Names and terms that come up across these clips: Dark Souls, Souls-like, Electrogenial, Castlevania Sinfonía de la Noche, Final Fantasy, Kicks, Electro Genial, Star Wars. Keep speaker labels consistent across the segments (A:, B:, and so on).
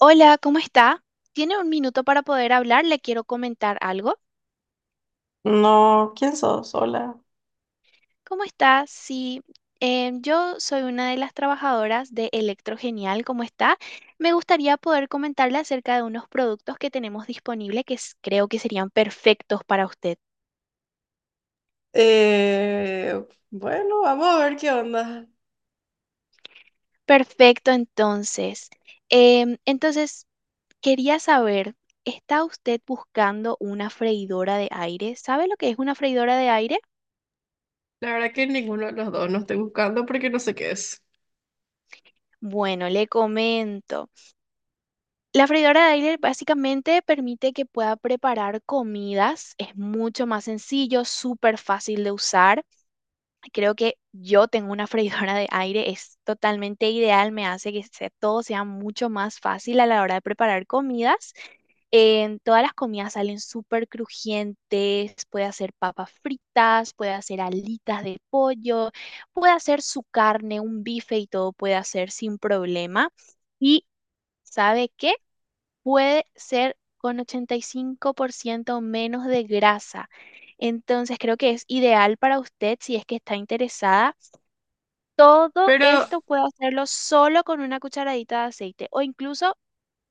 A: Hola, ¿cómo está? ¿Tiene un minuto para poder hablar? Le quiero comentar algo.
B: No, ¿quién sos? Hola.
A: ¿Cómo está? Sí, yo soy una de las trabajadoras de Electrogenial. ¿Cómo está? Me gustaría poder comentarle acerca de unos productos que tenemos disponibles que creo que serían perfectos para usted.
B: Eh, bueno, vamos a ver qué onda.
A: Perfecto, entonces. Entonces, quería saber, ¿está usted buscando una freidora de aire? ¿Sabe lo que es una freidora de aire?
B: La verdad que ninguno de los dos no estoy buscando porque no sé qué es.
A: Bueno, le comento. La freidora de aire básicamente permite que pueda preparar comidas. Es mucho más sencillo, súper fácil de usar. Creo que yo tengo una freidora de aire, es totalmente ideal, me hace que todo sea mucho más fácil a la hora de preparar comidas. En todas las comidas salen súper crujientes, puede hacer papas fritas, puede hacer alitas de pollo, puede hacer su carne, un bife y todo puede hacer sin problema. ¿Y sabe qué? Puede ser con 85% menos de grasa. Entonces creo que es ideal para usted si es que está interesada. Todo
B: Pero,
A: esto puede hacerlo solo con una cucharadita de aceite o incluso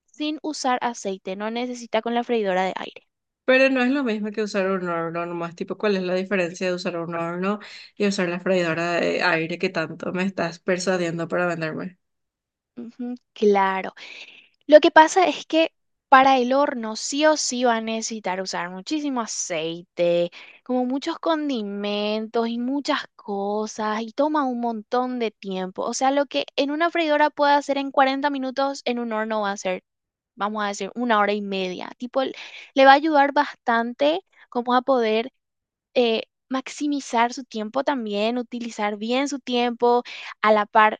A: sin usar aceite. No necesita con la freidora de aire.
B: pero no es lo mismo que usar un horno nomás. Tipo, ¿cuál es la diferencia de usar un horno y usar la freidora de aire que tanto me estás persuadiendo para venderme?
A: Ujú, claro. Lo que pasa es que para el horno sí o sí va a necesitar usar muchísimo aceite, como muchos condimentos y muchas cosas, y toma un montón de tiempo. O sea, lo que en una freidora puede hacer en 40 minutos, en un horno va a ser, vamos a decir, una hora y media. Tipo, le va a ayudar bastante como a poder eh, maximizar su tiempo también, utilizar bien su tiempo a la par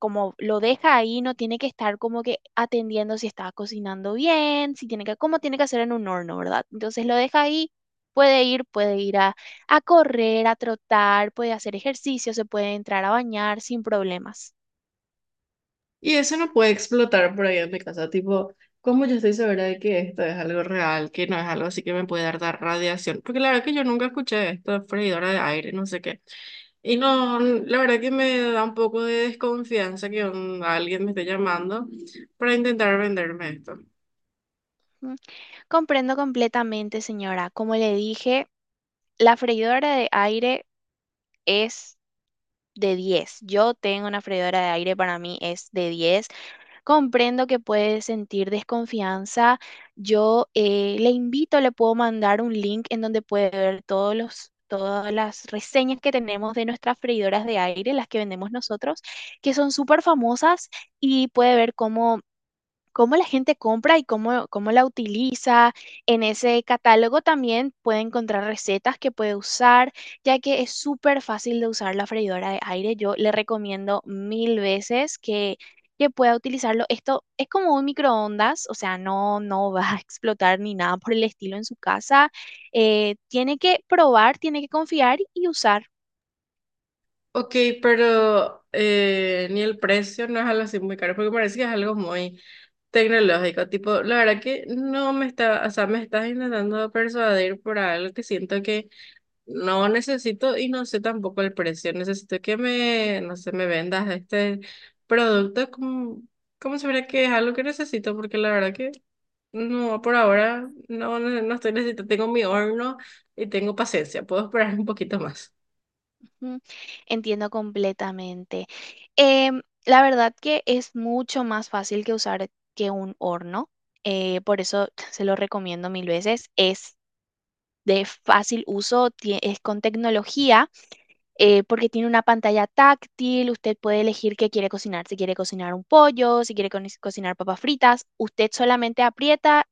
A: como lo deja ahí, no tiene que estar como que atendiendo si está cocinando bien, si tiene que, como tiene que hacer en un horno, ¿verdad? Entonces lo deja ahí, puede ir a correr, a trotar, puede hacer ejercicio, se puede entrar a bañar sin problemas.
B: Y eso no puede explotar por ahí en mi casa. Tipo, ¿cómo yo estoy segura de que esto es algo real, que no es algo así que me puede dar radiación? Porque la verdad que yo nunca escuché esto de freidora de aire, no sé qué. Y no, la verdad que me da un poco de desconfianza que alguien me esté llamando para intentar venderme esto.
A: Mm, Comprendo completamente, señora. Como le dije, la freidora de aire es de diez. Yo tengo una freidora de aire, para mí es de diez. Comprendo que puede sentir desconfianza. Yo le invito, le puedo mandar un link en donde puede ver todas las reseñas que tenemos de nuestras freidoras de aire, las que vendemos nosotros, que son súper famosas y puede ver cómo la gente compra y cómo la utiliza. En ese catálogo también puede encontrar recetas que puede usar, ya que es súper fácil de usar la freidora de aire. Yo le recomiendo mil veces que pueda utilizarlo. Esto es como un microondas, o sea, no, no va a explotar ni nada por el estilo en su casa. Tiene que probar, tiene que confiar y usar.
B: Ok, pero ni el precio no es algo así muy caro, porque parece que es algo muy tecnológico. Tipo, la verdad que no me está, o sea, me estás intentando persuadir por algo que siento que no necesito y no sé tampoco el precio. Necesito que me, no sé, me vendas este producto como, como si fuera que es algo que necesito, porque la verdad que no, por ahora no, no estoy necesitando. Tengo mi horno y tengo paciencia. Puedo esperar un poquito más.
A: Mm, Entiendo completamente. La verdad que es mucho más fácil que usar que un horno, por eso se lo recomiendo mil veces. Es de fácil uso, es con tecnología, porque tiene una pantalla táctil, usted puede elegir qué quiere cocinar, si quiere cocinar un pollo, si quiere cocinar papas fritas, usted solamente aprieta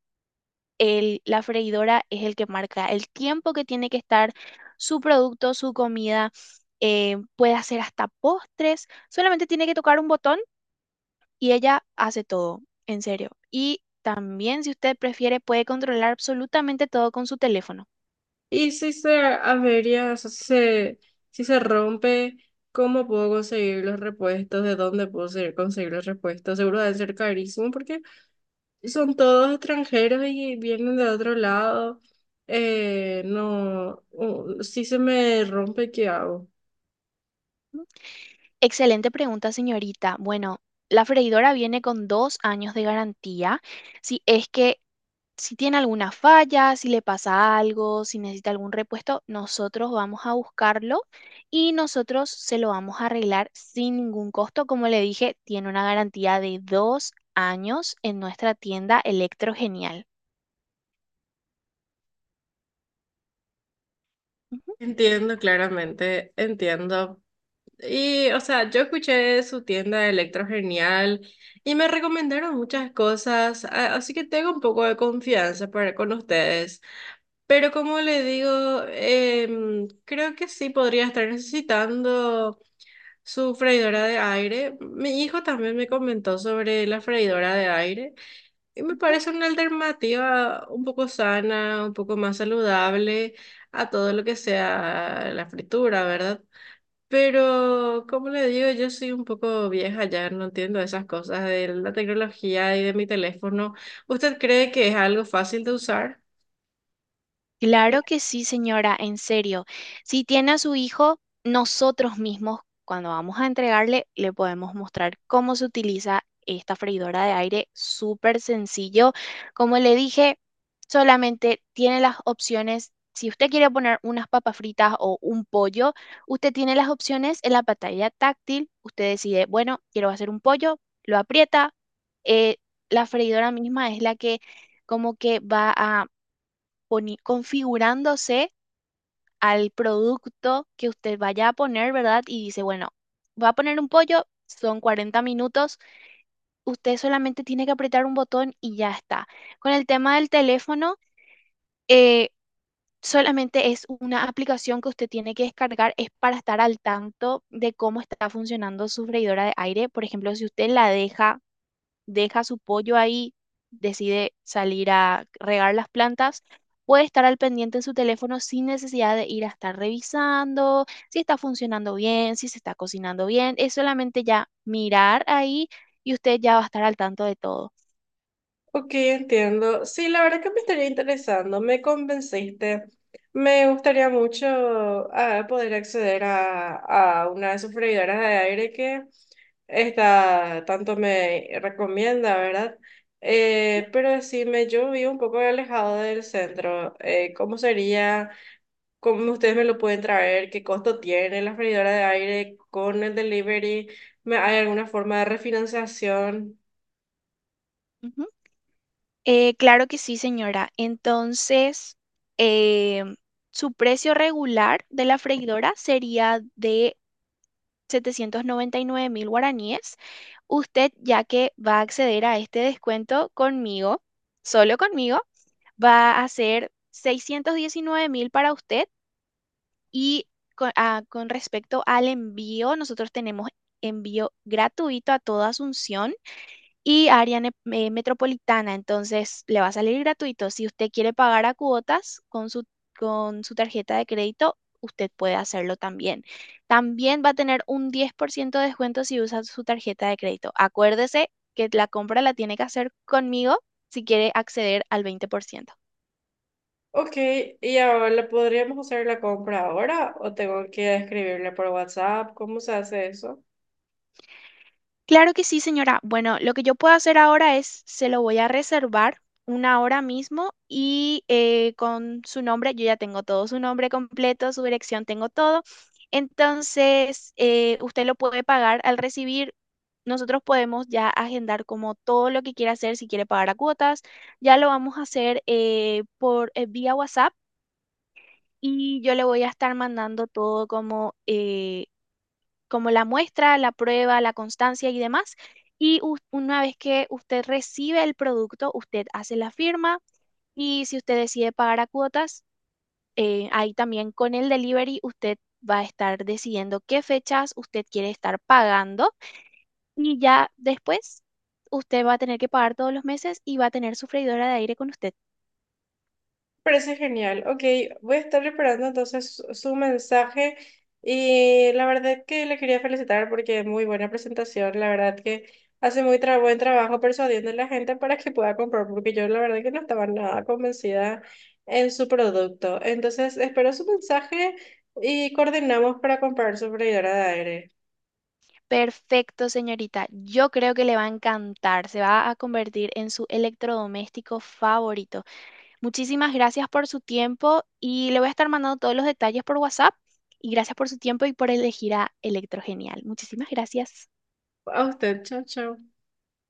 A: la freidora es el que marca el tiempo que tiene que estar su producto, su comida, puede hacer hasta postres, solamente tiene que tocar un botón y ella hace todo, en serio. Y también, si usted prefiere, puede controlar absolutamente todo con su teléfono.
B: Y si se avería, o sea, si se rompe, ¿cómo puedo conseguir los repuestos? ¿De dónde puedo conseguir los repuestos? Seguro deben ser carísimos porque son todos extranjeros y vienen de otro lado. No, si se me rompe, ¿qué hago?
A: Excelente pregunta, señorita. Bueno, la freidora viene con 2 años de garantía. Si es que si tiene alguna falla, si le pasa algo, si necesita algún repuesto, nosotros vamos a buscarlo y nosotros se lo vamos a arreglar sin ningún costo. Como le dije, tiene una garantía de 2 años en nuestra tienda Electro Genial. Ujú.
B: Entiendo claramente, entiendo. Y, o sea, yo escuché su tienda de Electro Genial y me recomendaron muchas cosas, así que tengo un poco de confianza para con ustedes. Pero como le digo, creo que sí podría estar necesitando su freidora de aire. Mi hijo también me comentó sobre la freidora de aire y me
A: Ujú.
B: parece una alternativa un poco sana, un poco más saludable a todo lo que sea la fritura, ¿verdad? Pero, como le digo, yo soy un poco vieja ya, no entiendo esas cosas de la tecnología y de mi teléfono. ¿Usted cree que es algo fácil de usar?
A: Claro que sí, señora, en serio. Si tiene a su hijo, nosotros mismos, cuando vamos a entregarle, le podemos mostrar cómo se utiliza esta freidora de aire, súper sencillo. Como le dije, solamente tiene las opciones. Si usted quiere poner unas papas fritas o un pollo, usted tiene las opciones en la pantalla táctil. Usted decide, bueno, quiero hacer un pollo, lo aprieta. eh, la freidora misma es la que como que va a configurándose al producto que usted vaya a poner, ¿verdad? Y dice, bueno, va a poner un pollo, son 40 minutos, usted solamente tiene que apretar un botón y ya está. Con el tema del teléfono, eh, solamente es una aplicación que usted tiene que descargar, es para estar al tanto de cómo está funcionando su freidora de aire. Por ejemplo, si usted la deja su pollo ahí, decide salir a regar las plantas, puede estar al pendiente en su teléfono sin necesidad de ir a estar revisando si está funcionando bien, si se está cocinando bien. Es solamente ya mirar ahí y usted ya va a estar al tanto de todo.
B: Ok, entiendo. Sí, la verdad que me estaría interesando, me convenciste. Me gustaría mucho poder a una de sus freidoras de aire que esta tanto me recomienda, ¿verdad?
A: ¿Mm?
B: Pero decime, yo vivo un poco alejado del centro. ¿Cómo sería? ¿Cómo ustedes me lo pueden traer, qué costo tiene la freidora de aire con el delivery, hay alguna forma de refinanciación?
A: Ujú. Claro que sí, señora. Entonces, eh, su precio regular de la freidora sería de 799.000 guaraníes. Usted, ya que va a acceder a este descuento conmigo, solo conmigo, va a ser 619.000 para usted y con respecto al envío, nosotros tenemos envío gratuito a toda Asunción y área metropolitana, entonces le va a salir gratuito. Si usted quiere pagar a cuotas con su tarjeta de crédito, usted puede hacerlo también. También va a tener un 10% de descuento si usa su tarjeta de crédito. Acuérdese que la compra la tiene que hacer conmigo si quiere acceder al 20%.
B: Ok, ¿y ahora podríamos hacer la compra ahora o tengo que escribirle por WhatsApp? ¿Cómo se hace eso?
A: Claro que sí, señora. Bueno, lo que yo puedo hacer ahora es, se lo voy a reservar una hora mismo y con su nombre, yo ya tengo todo, su nombre completo, su dirección, tengo todo. Entonces, usted lo puede pagar al recibir. Nosotros podemos ya agendar como todo lo que quiera hacer, si quiere pagar a cuotas, ya lo vamos a hacer por vía WhatsApp y yo le voy a estar mandando todo como la muestra, la prueba, la constancia y demás. Y una vez que usted recibe el producto, usted hace la firma y si usted decide pagar a cuotas, ahí también con el delivery usted va a estar decidiendo qué fechas usted quiere estar pagando y ya después usted va a tener que pagar todos los meses y va a tener su freidora de aire con usted.
B: Parece genial. Ok, voy a estar preparando entonces su mensaje y la verdad que le quería felicitar porque muy buena presentación. La verdad que hace muy buen trabajo persuadiendo a la gente para que pueda comprar porque yo la verdad que no estaba nada convencida en su producto. Entonces espero su mensaje y coordinamos para comprar su freidora de aire.
A: Perfecto, señorita. Yo creo que le va a encantar. Se va a convertir en su electrodoméstico favorito. Muchísimas gracias por su tiempo y le voy a estar mandando todos los detalles por WhatsApp. Y gracias por su tiempo y por elegir a Electrogenial. Muchísimas gracias.
B: A usted, chao, chao.